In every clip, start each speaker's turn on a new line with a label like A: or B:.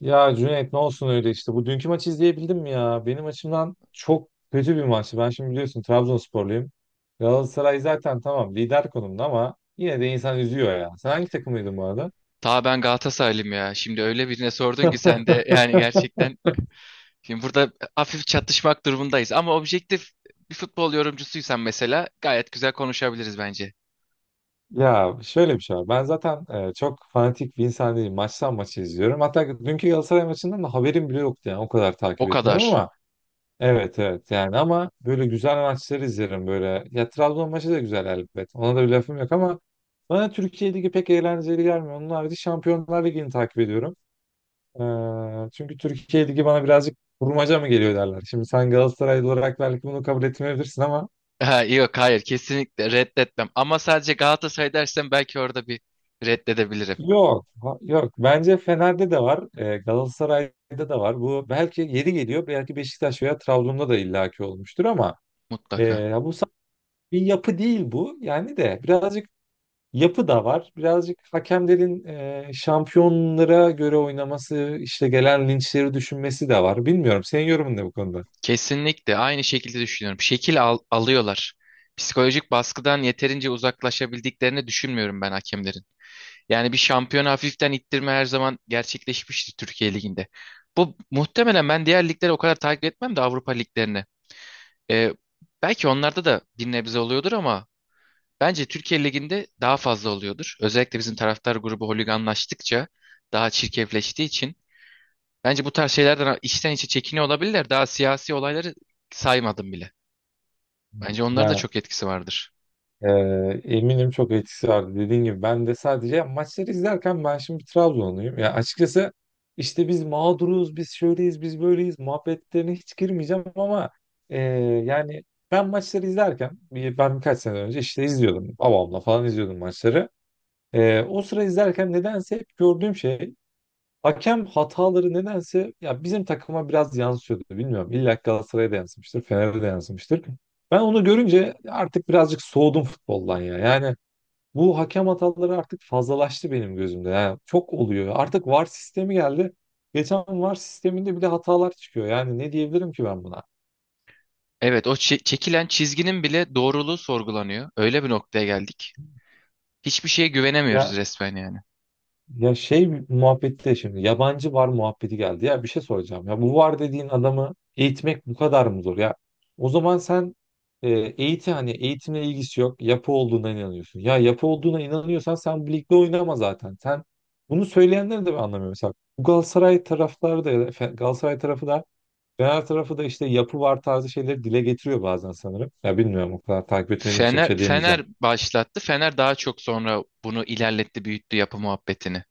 A: Ya Cüneyt ne olsun öyle işte. Bu dünkü maçı izleyebildin mi ya? Benim açımdan çok kötü bir maçtı. Ben şimdi biliyorsun Trabzonsporluyum. Galatasaray zaten tamam lider konumda ama yine de insan üzüyor ya. Sen hangi takımıydın bu arada?
B: Daha ben Galatasaraylıyım ya. Şimdi öyle birine sordun ki sen de yani gerçekten şimdi burada hafif çatışmak durumundayız. Ama objektif bir futbol yorumcusuysan mesela gayet güzel konuşabiliriz bence.
A: Ya şöyle bir şey var. Ben zaten çok fanatik bir insan değilim. Maçtan maçı izliyorum. Hatta dünkü Galatasaray maçından da haberim bile yoktu yani. O kadar
B: O
A: takip etmiyorum
B: kadar.
A: ama. Evet, evet, yani ama böyle güzel maçları izlerim böyle. Ya Trabzon maçı da güzel elbet. Ona da bir lafım yok ama bana Türkiye Ligi pek eğlenceli gelmiyor. Onun harici Şampiyonlar Ligi'ni takip ediyorum. Çünkü Türkiye Ligi bana birazcık kurmaca mı geliyor derler. Şimdi sen Galatasaraylı olarak belki bunu kabul etmeyebilirsin ama.
B: Ha, yok hayır kesinlikle reddetmem. Ama sadece Galatasaray dersen belki orada bir reddedebilirim.
A: Yok, yok. Bence Fener'de de var. Galatasaray'da da var. Bu belki yeri geliyor. Belki Beşiktaş veya Trabzon'da da illaki olmuştur ama e,
B: Mutlaka.
A: ya bu sa- bir yapı değil bu. Yani de birazcık yapı da var. Birazcık hakemlerin şampiyonlara göre oynaması, işte gelen linçleri düşünmesi de var. Bilmiyorum. Senin yorumun ne bu konuda?
B: Kesinlikle aynı şekilde düşünüyorum. Alıyorlar. Psikolojik baskıdan yeterince uzaklaşabildiklerini düşünmüyorum ben hakemlerin. Yani bir şampiyon hafiften ittirme her zaman gerçekleşmişti Türkiye Ligi'nde. Bu muhtemelen ben diğer ligleri o kadar takip etmem de Avrupa liglerini. Ee, Belki onlarda da bir nebze oluyordur ama bence Türkiye Ligi'nde daha fazla oluyordur. Özellikle bizim taraftar grubu holiganlaştıkça daha çirkefleştiği için. Bence bu tarz şeylerden içten içe çekiniyor olabilirler. Daha siyasi olayları saymadım bile. Bence onların da
A: Ya,
B: çok etkisi vardır.
A: e, eminim çok etkisi vardı. Dediğin gibi ben de sadece maçları izlerken ben şimdi Trabzonluyum. Ya, açıkçası işte biz mağduruz, biz şöyleyiz, biz böyleyiz muhabbetlerine hiç girmeyeceğim ama e, yani ben maçları izlerken ben birkaç sene önce işte izliyordum. Babamla falan izliyordum maçları. O sıra izlerken nedense hep gördüğüm şey, hakem hataları nedense ya bizim takıma biraz yansıyordu, bilmiyorum. İlla ki Galatasaray'a da yansımıştır, Fener'e de yansımıştır. Ben onu görünce artık birazcık soğudum futboldan ya. Yani bu hakem hataları artık fazlalaştı benim gözümde. Yani çok oluyor. Artık VAR sistemi geldi. Geçen VAR sisteminde bile hatalar çıkıyor. Yani ne diyebilirim ki ben buna?
B: Evet, çekilen çizginin bile doğruluğu sorgulanıyor. Öyle bir noktaya geldik. Hiçbir şeye güvenemiyoruz
A: Ya
B: resmen yani.
A: Ya şey muhabbeti de şimdi yabancı var muhabbeti geldi. Ya, bir şey soracağım. Ya bu var dediğin adamı eğitmek bu kadar mı zor? Ya, o zaman sen, e, eğitim hani eğitimle ilgisi yok. Yapı olduğuna inanıyorsun. Ya, yapı olduğuna inanıyorsan sen bu ligde oynama zaten. Sen bunu söyleyenleri de ben anlamıyorum. Mesela bu Galatasaray taraftarı da ya da Galatasaray tarafı da Fener tarafı da işte yapı var tarzı şeyleri dile getiriyor bazen sanırım. Ya, bilmiyorum, o kadar takip etmediğim için bir
B: Fener,
A: şey diyemeyeceğim.
B: Fener başlattı. Fener daha çok sonra bunu ilerletti, büyüttü yapı muhabbetini.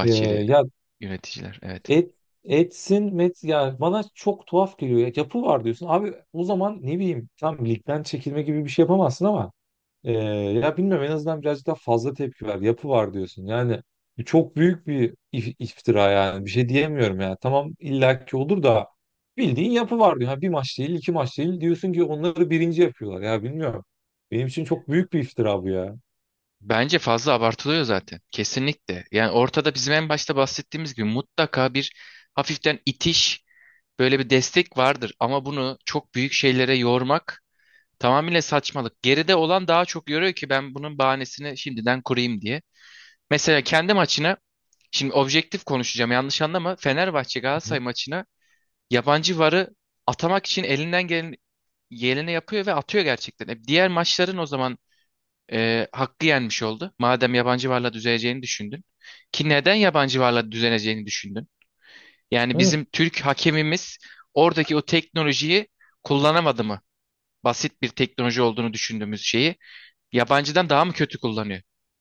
A: E, ya
B: yöneticiler. Evet.
A: Et, Etsin met yani bana çok tuhaf geliyor. Ya, yapı var diyorsun. Abi o zaman ne bileyim tam ligden çekilme gibi bir şey yapamazsın ama ya, bilmiyorum, en azından birazcık daha fazla tepki ver. Yapı var diyorsun. Yani çok büyük bir iftira yani. Bir şey diyemiyorum yani. Tamam illaki olur da bildiğin yapı var diyor. Ha, bir maç değil, iki maç değil diyorsun ki onları birinci yapıyorlar. Ya, bilmiyorum. Benim için çok büyük bir iftira bu ya.
B: Bence fazla abartılıyor zaten. Kesinlikle. Yani ortada bizim en başta bahsettiğimiz gibi mutlaka bir hafiften itiş, böyle bir destek vardır. Ama bunu çok büyük şeylere yormak tamamıyla saçmalık. Geride olan daha çok yoruyor ki ben bunun bahanesini şimdiden kurayım diye. Mesela kendi maçına şimdi objektif konuşacağım, yanlış anlama. Fenerbahçe Galatasaray maçına yabancı varı atamak için elinden gelen geleni yapıyor ve atıyor gerçekten. Diğer maçların o zaman hakkı yenmiş oldu. Madem yabancı varla düzeleceğini düşündün. Ki neden yabancı varla düzeleceğini düşündün? Yani
A: Hı.
B: bizim Türk hakemimiz oradaki o teknolojiyi kullanamadı mı? Basit bir teknoloji olduğunu düşündüğümüz şeyi yabancıdan daha mı kötü kullanıyor?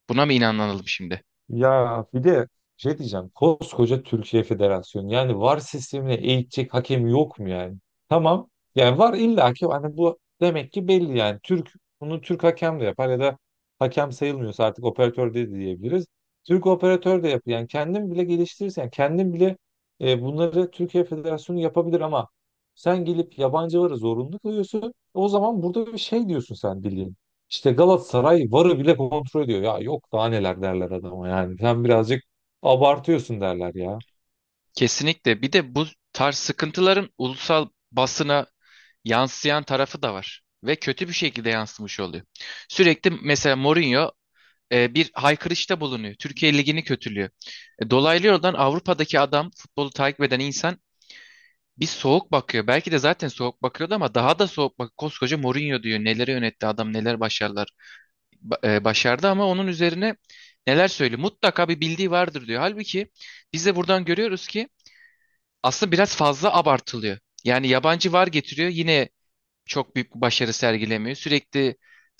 B: Buna mı inanalım şimdi?
A: Ya, bir de şey diyeceğim. Koskoca Türkiye Federasyonu. Yani VAR sistemine eğitecek hakem yok mu yani? Tamam. Yani VAR illaki hani bu demek ki belli yani. Bunu Türk hakem de yapar ya da hakem sayılmıyorsa artık operatör de diyebiliriz. Türk operatör de yapıyor. Yani kendin bile geliştirirsen, yani kendin bile bunları Türkiye Federasyonu yapabilir ama sen gelip yabancı VAR'a zorunlu kılıyorsun. O zaman burada bir şey diyorsun sen bildiğin. İşte Galatasaray VAR'ı bile kontrol ediyor. Ya, yok daha neler derler adama yani. Sen birazcık abartıyorsun derler ya.
B: Kesinlikle. Bir de bu tarz sıkıntıların ulusal basına yansıyan tarafı da var. Ve kötü bir şekilde yansımış oluyor. Sürekli mesela Mourinho bir haykırışta bulunuyor. Türkiye Ligi'ni kötülüyor. Dolaylı yoldan Avrupa'daki adam, futbolu takip eden insan bir soğuk bakıyor. Belki de zaten soğuk bakıyordu ama daha da soğuk bak. Koskoca Mourinho diyor. Neleri yönetti adam, neler başarılar başardı, ama onun üzerine neler söylüyor? Mutlaka bir bildiği vardır diyor. Halbuki biz de buradan görüyoruz ki aslında biraz fazla abartılıyor. Yani yabancı var getiriyor, yine çok büyük bir başarı sergilemiyor. Sürekli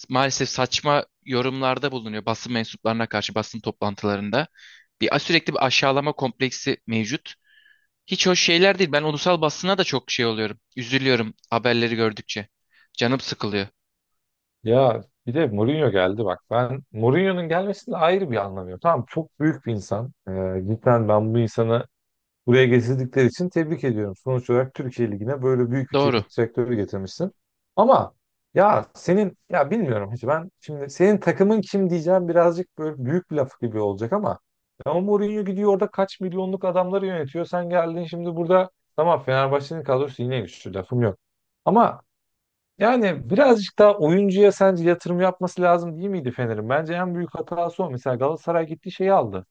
B: maalesef saçma yorumlarda bulunuyor basın mensuplarına karşı, basın toplantılarında. Sürekli bir aşağılama kompleksi mevcut. Hiç hoş şeyler değil. Ben ulusal basına da çok şey oluyorum. Üzülüyorum haberleri gördükçe. Canım sıkılıyor.
A: Ya bir de Mourinho geldi bak. Ben Mourinho'nun gelmesinde ayrı bir anlamıyorum. Tamam, çok büyük bir insan. Cidden ben bu insanı buraya getirdikleri için tebrik ediyorum. Sonuç olarak Türkiye Ligi'ne böyle büyük bir
B: Doğru.
A: teknik direktörü getirmişsin. Ama ya senin, ya bilmiyorum, hiç ben şimdi senin takımın kim diyeceğim, birazcık böyle büyük bir laf gibi olacak ama ya o Mourinho gidiyor orada kaç milyonluk adamları yönetiyor. Sen geldin şimdi burada, tamam Fenerbahçe'nin kadrosu yine güçlü, lafım yok. Ama yani birazcık daha oyuncuya sence yatırım yapması lazım değil miydi Fener'in? Bence en büyük hatası o. Mesela Galatasaray gitti şeyi aldı.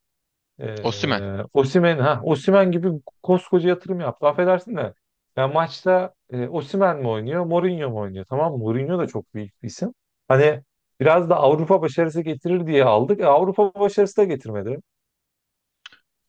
B: Osimhen.
A: Osimhen, ha, Osimhen gibi koskoca yatırım yaptı. Affedersin de. Ya maçta Osimhen mi oynuyor, Mourinho mu oynuyor? Tamam mı? Mourinho da çok büyük bir isim. Hani biraz da Avrupa başarısı getirir diye aldık. Avrupa başarısı da getirmedi.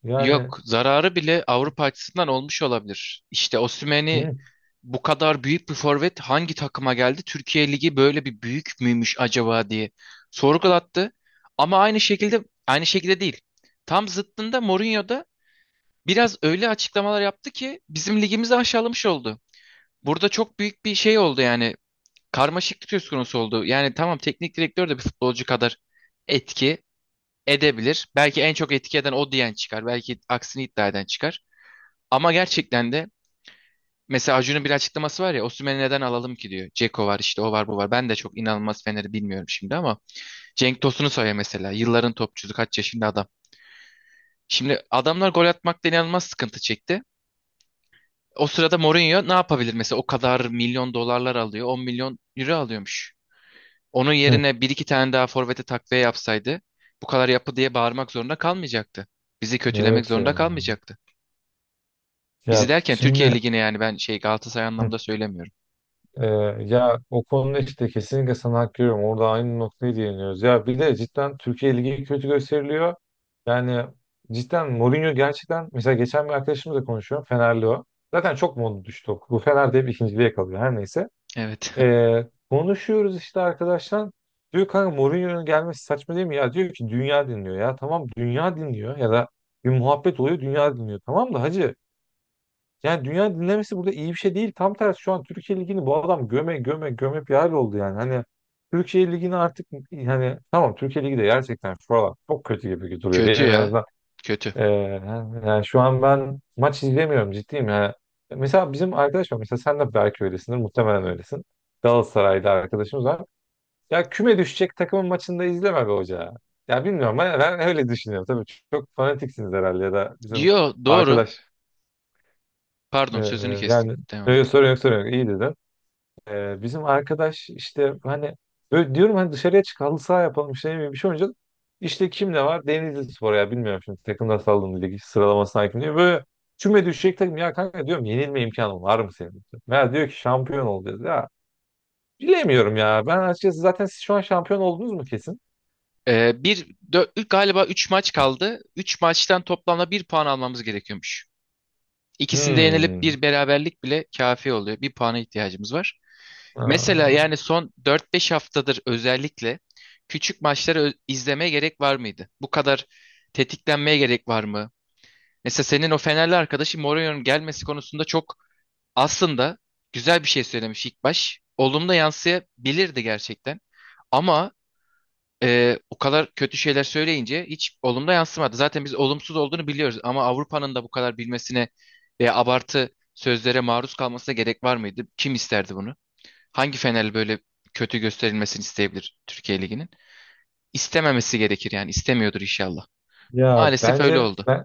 A: Yani,
B: Yok, zararı bile Avrupa açısından olmuş olabilir. İşte Osimhen'i
A: hı,
B: bu kadar büyük bir forvet hangi takıma geldi? Türkiye Ligi böyle bir büyük müymüş acaba diye sorgulattı. Ama aynı şekilde değil. Tam zıttında Mourinho da biraz öyle açıklamalar yaptı ki bizim ligimizi aşağılamış oldu. Burada çok büyük bir şey oldu yani. Karmaşıklık söz konusu oldu. Yani tamam, teknik direktör de bir futbolcu kadar etki edebilir. Belki en çok etki eden o diyen çıkar. Belki aksini iddia eden çıkar. Ama gerçekten de mesela Acun'un bir açıklaması var ya, Osimhen'i neden alalım ki diyor. Ceko var işte, o var bu var. Ben de çok inanılmaz Fener'i bilmiyorum şimdi ama Cenk Tosun'u söyle mesela. Yılların topçusu, kaç yaşında adam. Şimdi adamlar gol atmakta inanılmaz sıkıntı çekti. O sırada Mourinho ne yapabilir mesela, o kadar milyon dolarlar alıyor, 10 milyon euro alıyormuş. Onun
A: hı.
B: yerine bir iki tane daha forvete takviye yapsaydı bu kadar yapı diye bağırmak zorunda kalmayacaktı. Bizi kötülemek
A: Evet
B: zorunda
A: ya.
B: kalmayacaktı. Bizi
A: Ya
B: derken Türkiye
A: şimdi,
B: Ligi'ne yani, ben şey Galatasaray
A: hı.
B: anlamda söylemiyorum.
A: Ee, Ya, o konuda işte kesinlikle sana hak veriyorum. Orada aynı noktaya değiniyoruz. Ya bir de cidden Türkiye Ligi kötü gösteriliyor. Yani cidden Mourinho gerçekten, mesela geçen bir arkadaşımla konuşuyorum. Fenerli o. Zaten çok modu düştü o. Bu Fener de hep ikinciliğe kalıyor. Her neyse.
B: Evet.
A: Ee, Konuşuyoruz işte arkadaşlar. Diyor kanka, Mourinho'nun gelmesi saçma değil mi? Ya diyor ki dünya dinliyor. Ya tamam, dünya dinliyor. Ya da bir muhabbet oluyor, dünya dinliyor. Tamam da hacı, yani dünya dinlemesi burada iyi bir şey değil. Tam tersi, şu an Türkiye Ligi'ni bu adam göme göme göme bir hal oldu yani. Hani Türkiye Ligi'ni artık, hani tamam Türkiye Ligi de gerçekten şu aralar çok kötü gibi duruyor.
B: Kötü
A: Benim en
B: ya.
A: azından
B: Kötü.
A: e, yani şu an ben maç izlemiyorum, ciddiyim yani. Mesela bizim arkadaş var. Mesela sen de belki öylesindir. Muhtemelen öylesin. Galatasaray'da arkadaşımız var. Ya küme düşecek takımın maçında izleme be hoca. Ya bilmiyorum, ben öyle düşünüyorum. Tabii çok fanatiksiniz herhalde ya da bizim
B: Diyor doğru.
A: arkadaş.
B: Pardon
A: ee,
B: sözünü
A: Yani,
B: kestim. Devam
A: yok,
B: et.
A: sorun yok, sorun yok, iyi dedin. Bizim arkadaş işte, hani böyle diyorum, hani dışarıya çık halı saha yapalım, işte ne bileyim, bir şey oynayacağız. İşte kim ne var? Denizli Spor, ya bilmiyorum şimdi takımlar, saldım lig sıralamasına hakim değil. Böyle küme düşecek takım, ya kanka diyorum, yenilme imkanı var mı senin? Meğer diyor ki şampiyon olacağız ya. Bilemiyorum ya ben açıkçası, zaten siz şu an şampiyon oldunuz mu kesin?
B: Ee, bir, Galiba 3 maç kaldı. 3 maçtan toplamda bir puan almamız gerekiyormuş. İkisinde yenilip
A: Hmm.
B: bir beraberlik bile kafi oluyor. Bir puana ihtiyacımız var. Mesela
A: Aa,
B: yani son dört beş haftadır özellikle küçük maçları izlemeye gerek var mıydı? Bu kadar tetiklenmeye gerek var mı? Mesela senin o Fenerli arkadaşı Mourinho'nun gelmesi konusunda çok aslında güzel bir şey söylemiş ilk baş. Olumlu yansıyabilirdi gerçekten. Ama o kadar kötü şeyler söyleyince hiç olumlu yansımadı. Zaten biz olumsuz olduğunu biliyoruz, ama Avrupa'nın da bu kadar bilmesine ve abartı sözlere maruz kalmasına gerek var mıydı? Kim isterdi bunu? Hangi Fenerli böyle kötü gösterilmesini isteyebilir Türkiye Ligi'nin? İstememesi gerekir yani, istemiyordur inşallah.
A: Ya,
B: Maalesef öyle oldu.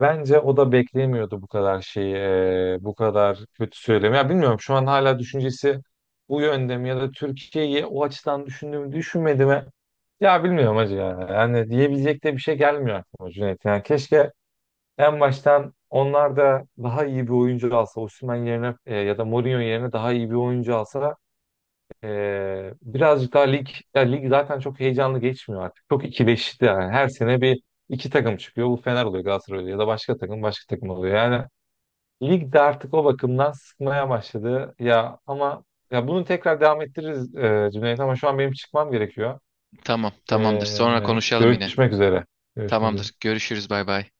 A: bence o da beklemiyordu bu kadar şeyi, bu kadar kötü söylemi. Ya bilmiyorum şu an hala düşüncesi bu yönde mi ya da Türkiye'yi o açıdan düşündü mü düşünmedi mi? Ya bilmiyorum hacı ya. Yani diyebilecek de bir şey gelmiyor aklıma Cüneyt. Yani keşke en baştan onlar da daha iyi bir oyuncu alsa, Osimhen yerine, ya da Mourinho yerine daha iyi bir oyuncu alsa, ee, birazcık daha lig, ya lig zaten çok heyecanlı geçmiyor artık. Çok ikileşti yani. Her sene bir iki takım çıkıyor. Bu Fener oluyor, Galatasaray oluyor ya da başka takım, başka takım oluyor. Yani lig de artık o bakımdan sıkmaya başladı. Ya ama ya bunu tekrar devam ettiririz Cüneyt, ama şu an benim çıkmam gerekiyor.
B: Tamam, tamamdır. Sonra konuşalım yine.
A: Görüşmek üzere. Görüşmek üzere.
B: Tamamdır. Görüşürüz. Bay bay.